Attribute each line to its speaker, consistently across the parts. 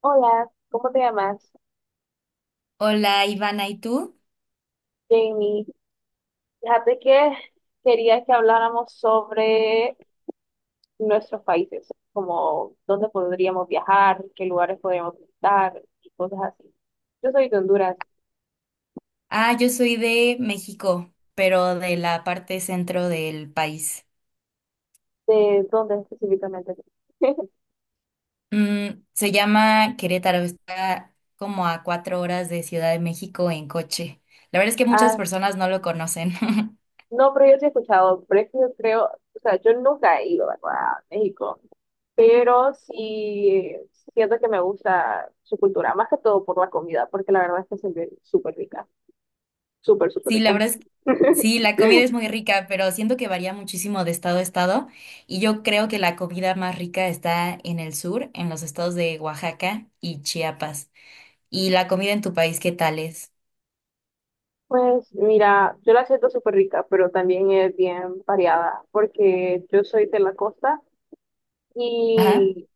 Speaker 1: Hola, ¿cómo te llamas?
Speaker 2: Hola Ivana, ¿y tú?
Speaker 1: Jamie. Fíjate que quería que habláramos sobre nuestros países, como dónde podríamos viajar, qué lugares podríamos visitar y cosas así. Yo soy de Honduras.
Speaker 2: Ah, yo soy de México, pero de la parte centro del país.
Speaker 1: ¿De dónde específicamente?
Speaker 2: Se llama Querétaro, está como a 4 horas de Ciudad de México en coche. La verdad es que muchas
Speaker 1: Ah,
Speaker 2: personas no lo conocen.
Speaker 1: no, pero yo sí he escuchado, pero es que yo creo, o sea, yo nunca he ido, ¿verdad? A México, pero sí siento que me gusta su cultura, más que todo por la comida, porque la verdad es que se ve súper rica. Súper, súper
Speaker 2: Sí,
Speaker 1: rica.
Speaker 2: la verdad es que sí, la comida es muy rica, pero siento que varía muchísimo de estado a estado. Y yo creo que la comida más rica está en el sur, en los estados de Oaxaca y Chiapas. ¿Y la comida en tu país qué tal es?
Speaker 1: Pues mira, yo la siento súper rica, pero también es bien variada, porque yo soy de la costa
Speaker 2: Ajá.
Speaker 1: y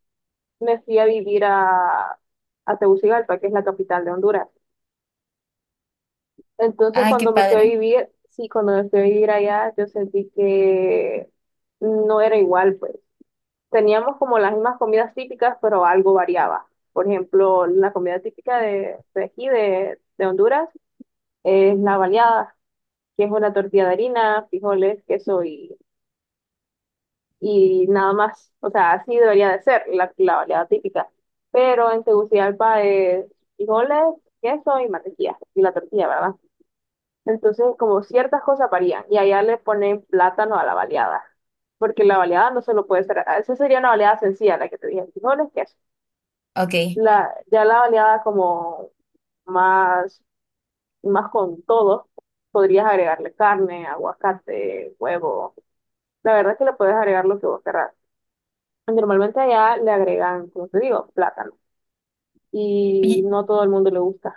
Speaker 1: me fui a vivir a Tegucigalpa, que es la capital de Honduras. Entonces
Speaker 2: Ay, qué
Speaker 1: cuando me fui a
Speaker 2: padre.
Speaker 1: vivir, sí, cuando me fui a vivir allá, yo sentí que no era igual, pues. Teníamos como las mismas comidas típicas, pero algo variaba. Por ejemplo, la comida típica de aquí, de Honduras, es la baleada, que es una tortilla de harina, frijoles, queso y nada más. O sea, así debería de ser la variedad típica. Pero en Tegucigalpa es frijoles, queso y mantequilla, y la tortilla, ¿verdad? Entonces, como ciertas cosas varían, y allá le ponen plátano a la baleada, porque la baleada no solo puede ser, esa sería una baleada sencilla, la que te dije, frijoles, queso.
Speaker 2: Ok.
Speaker 1: La, ya la baleada como más, más con todo, podrías agregarle carne, aguacate, huevo. La verdad es que le puedes agregar lo que vos querrás. Normalmente allá le agregan, como te digo, plátano. Y
Speaker 2: Y
Speaker 1: no todo el mundo le gusta.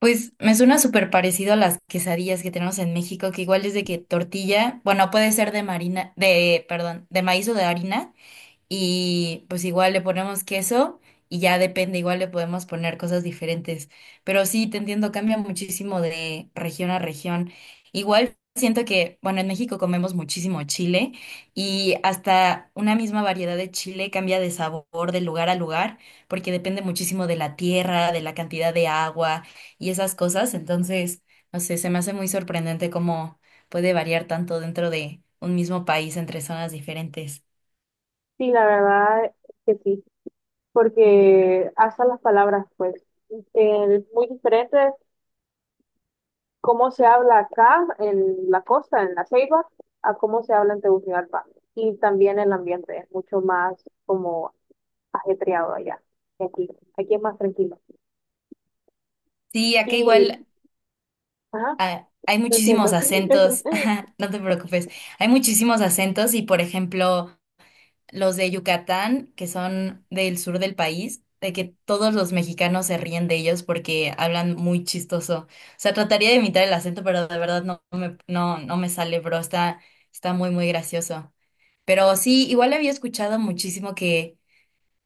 Speaker 2: pues me suena súper parecido a las quesadillas que tenemos en México, que igual es de que tortilla, bueno, puede ser de marina, de, perdón, de maíz o de harina, y pues igual le ponemos queso y ya depende, igual le podemos poner cosas diferentes. Pero sí, te entiendo, cambia muchísimo de región a región. Igual siento que, bueno, en México comemos muchísimo chile y hasta una misma variedad de chile cambia de sabor de lugar a lugar porque depende muchísimo de la tierra, de la cantidad de agua y esas cosas. Entonces, no sé, se me hace muy sorprendente cómo puede variar tanto dentro de un mismo país entre zonas diferentes.
Speaker 1: Sí, la verdad es que sí. Porque hasta las palabras, pues, muy diferentes. Cómo se habla acá en la costa, en la Ceiba, a cómo se habla en Tegucigalpa. Y también el ambiente es mucho más como ajetreado allá que aquí. Aquí es más tranquilo.
Speaker 2: Sí, acá
Speaker 1: Y,
Speaker 2: igual.
Speaker 1: ajá,
Speaker 2: Ah, hay
Speaker 1: lo siento.
Speaker 2: muchísimos acentos, no te preocupes, hay muchísimos acentos y por ejemplo los de Yucatán, que son del sur del país, de que todos los mexicanos se ríen de ellos porque hablan muy chistoso. O sea, trataría de imitar el acento, pero de verdad no, no me sale, bro, está muy, muy gracioso. Pero sí, igual había escuchado muchísimo que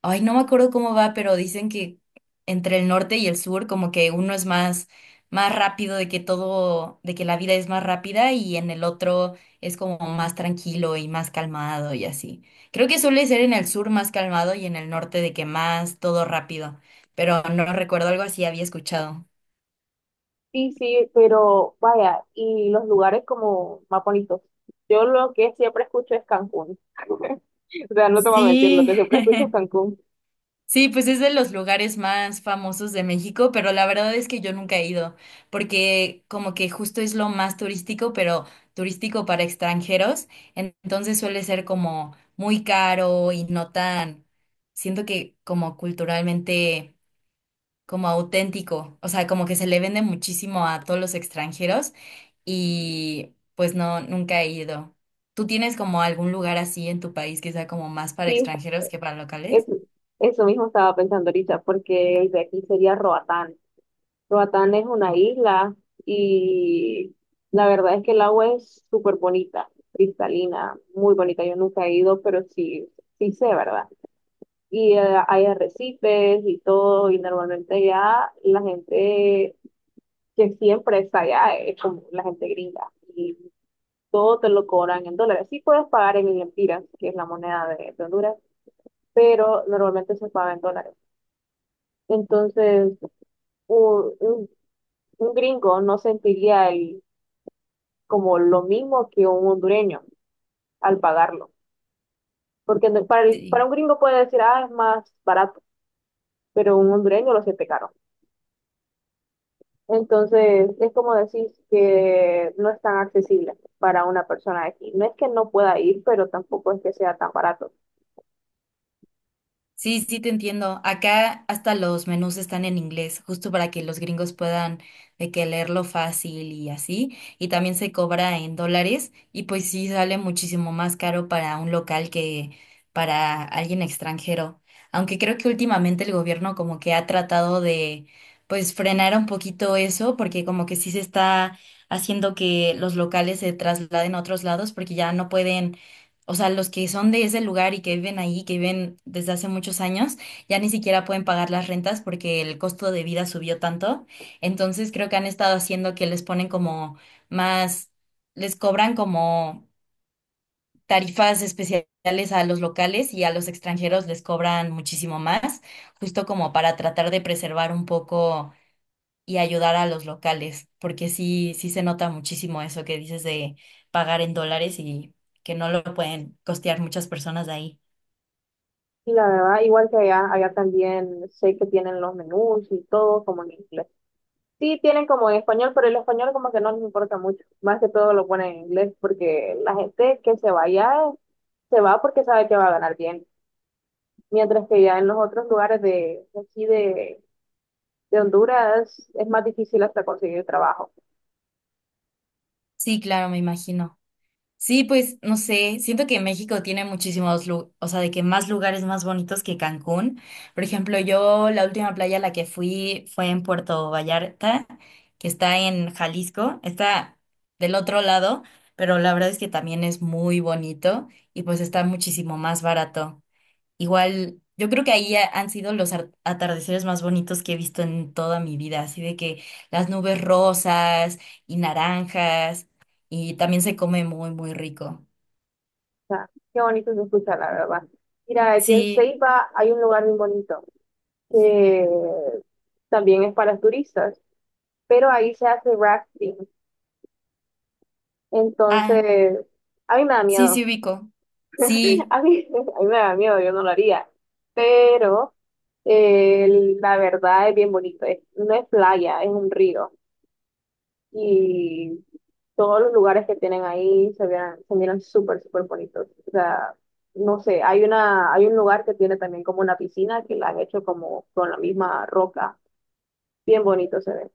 Speaker 2: ay, no me acuerdo cómo va, pero dicen que entre el norte y el sur, como que uno es más, más rápido, de que todo, de que la vida es más rápida y en el otro es como más tranquilo y más calmado y así. Creo que suele ser en el sur más calmado y en el norte de que más todo rápido, pero no recuerdo algo así, había escuchado.
Speaker 1: Sí, sí, pero vaya, y los lugares como más bonitos. Yo lo que siempre escucho es Cancún. O sea, no te voy a mentir, lo
Speaker 2: Sí.
Speaker 1: que siempre escucho es Cancún.
Speaker 2: Sí, pues es de los lugares más famosos de México, pero la verdad es que yo nunca he ido, porque como que justo es lo más turístico, pero turístico para extranjeros, entonces suele ser como muy caro y no tan, siento que como culturalmente, como auténtico, o sea, como que se le vende muchísimo a todos los extranjeros y pues no, nunca he ido. ¿Tú tienes como algún lugar así en tu país que sea como más para
Speaker 1: Sí,
Speaker 2: extranjeros que para
Speaker 1: es-
Speaker 2: locales?
Speaker 1: eso mismo estaba pensando ahorita, porque el de aquí sería Roatán. Roatán es una isla y la verdad es que el agua es súper bonita, cristalina, muy bonita. Yo nunca he ido, pero sí, sí sé, ¿verdad? Y hay arrecifes y todo, y normalmente ya la gente que siempre está allá, es como la gente gringa, y todo te lo cobran en dólares. Sí puedes pagar en lempiras, que es la moneda de Honduras, pero normalmente se paga en dólares. Entonces, un, un- un gringo no sentiría como lo mismo que un hondureño al pagarlo, porque para
Speaker 2: Sí.
Speaker 1: un gringo puede decir, ah, es más barato, pero un hondureño lo siente caro. Entonces, es como decís que no es tan accesible para una persona de aquí. No es que no pueda ir, pero tampoco es que sea tan barato.
Speaker 2: Sí, sí, te entiendo. Acá hasta los menús están en inglés, justo para que los gringos puedan de que leerlo fácil y así. Y también se cobra en dólares y pues sí sale muchísimo más caro para un local que para alguien extranjero. Aunque creo que últimamente el gobierno como que ha tratado de pues frenar un poquito eso porque como que sí se está haciendo que los locales se trasladen a otros lados porque ya no pueden, o sea, los que son de ese lugar y que viven ahí, que viven desde hace muchos años, ya ni siquiera pueden pagar las rentas porque el costo de vida subió tanto. Entonces creo que han estado haciendo que les ponen como más, les cobran como tarifas especiales a los locales y a los extranjeros les cobran muchísimo más, justo como para tratar de preservar un poco y ayudar a los locales, porque sí, sí se nota muchísimo eso que dices de pagar en dólares y que no lo pueden costear muchas personas de ahí.
Speaker 1: Y la verdad, igual que allá, allá también sé que tienen los menús y todo como en inglés. Sí, tienen como en español, pero el español como que no les importa mucho. Más que todo lo ponen en inglés porque la gente que se vaya se va porque sabe que va a ganar bien. Mientras que ya en los otros lugares de aquí de Honduras es más difícil hasta conseguir trabajo.
Speaker 2: Sí, claro, me imagino. Sí, pues no sé, siento que México tiene muchísimos, o sea, de que más lugares más bonitos que Cancún. Por ejemplo, yo la última playa a la que fui fue en Puerto Vallarta, que está en Jalisco, está del otro lado, pero la verdad es que también es muy bonito y pues está muchísimo más barato. Igual, yo creo que ahí han sido los atardeceres más bonitos que he visto en toda mi vida, así de que las nubes rosas y naranjas, y también se come muy, muy rico.
Speaker 1: Sea, qué bonito se escucha, la verdad. Mira, aquí en
Speaker 2: Sí,
Speaker 1: Ceiba hay un lugar muy bonito que también es para turistas, pero ahí se hace rafting.
Speaker 2: ah,
Speaker 1: Entonces, a mí me da
Speaker 2: sí,
Speaker 1: miedo.
Speaker 2: sí ubico. Sí,
Speaker 1: A mí me da miedo, yo no lo haría. Pero la verdad es bien bonito. No es playa, es un río. Y todos los lugares que tienen ahí se miran súper, súper bonitos. O sea, no sé, hay un lugar que tiene también como una piscina que la han hecho como con la misma roca. Bien bonito se ve.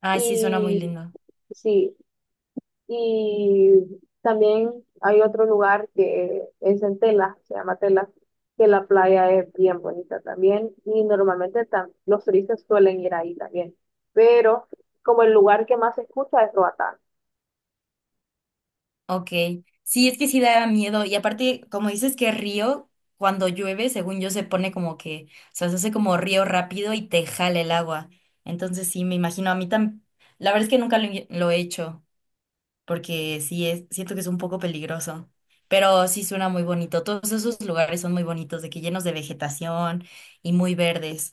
Speaker 2: ay, sí, suena muy
Speaker 1: Y
Speaker 2: lindo.
Speaker 1: sí, y también hay otro lugar que es en Tela, se llama Tela, que la playa es bien bonita también. Y normalmente los turistas suelen ir ahí también. Pero como el lugar que más se escucha es Roatán.
Speaker 2: Ok, sí, es que sí da miedo, y aparte, como dices que río, cuando llueve, según yo, se pone como que, o sea, se hace como río rápido y te jala el agua. Entonces, sí, me imagino, a mí también, la verdad es que nunca lo he hecho, porque sí es, siento que es un poco peligroso, pero sí suena muy bonito. Todos esos lugares son muy bonitos, de que llenos de vegetación y muy verdes.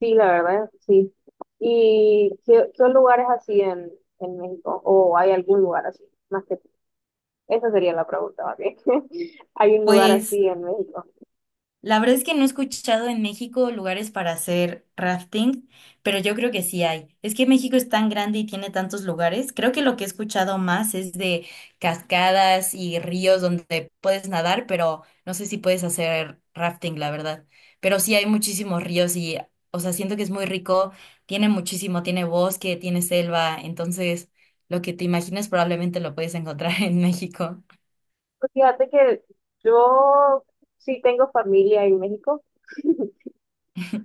Speaker 1: Sí, la verdad, sí. ¿Y qué, qué lugares así en México? ¿O hay algún lugar así? Más que esa sería la pregunta, ¿ok? ¿Hay un lugar
Speaker 2: Pues
Speaker 1: así en México?
Speaker 2: la verdad es que no he escuchado en México lugares para hacer rafting, pero yo creo que sí hay. Es que México es tan grande y tiene tantos lugares. Creo que lo que he escuchado más es de cascadas y ríos donde puedes nadar, pero no sé si puedes hacer rafting, la verdad. Pero sí hay muchísimos ríos y, o sea, siento que es muy rico, tiene muchísimo, tiene bosque, tiene selva, entonces lo que te imagines probablemente lo puedes encontrar en México.
Speaker 1: Pues fíjate que yo sí tengo familia en México,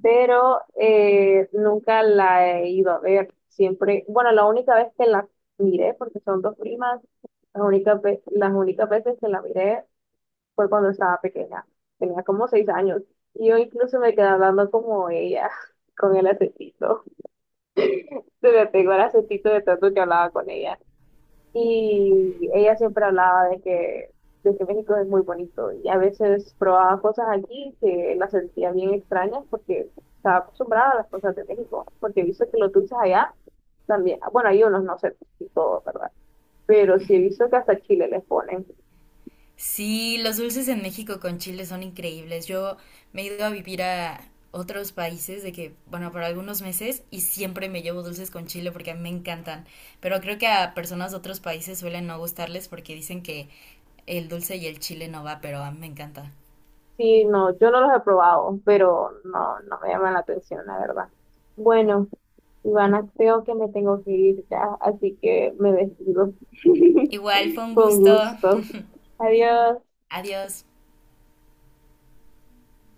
Speaker 1: pero nunca la he ido a ver. Siempre, bueno, la única vez que la miré, porque son dos primas, las únicas veces que la miré fue cuando estaba pequeña, tenía como 6 años, y yo incluso me quedé hablando como ella, con el acentito, se me pegó el acentito de tanto que hablaba con ella, y ella siempre hablaba de que México es muy bonito, y a veces probaba cosas aquí que las sentía bien extrañas porque estaba acostumbrada a las cosas de México, porque he visto que los dulces allá también, bueno, hay unos, no sé, y todo, ¿verdad? Pero sí he visto que hasta chile les ponen.
Speaker 2: Sí, los dulces en México con chile son increíbles. Yo me he ido a vivir a otros países de que, bueno, por algunos meses y siempre me llevo dulces con chile porque a mí me encantan. Pero creo que a personas de otros países suelen no gustarles porque dicen que el dulce y el chile no va, pero a mí me encanta.
Speaker 1: Sí, no, yo no los he probado, pero no, no me llaman la atención, la verdad. Bueno, Ivana, creo que me tengo que ir ya, así que me despido.
Speaker 2: Igual, fue un
Speaker 1: Con
Speaker 2: gusto.
Speaker 1: gusto. Adiós.
Speaker 2: Adiós.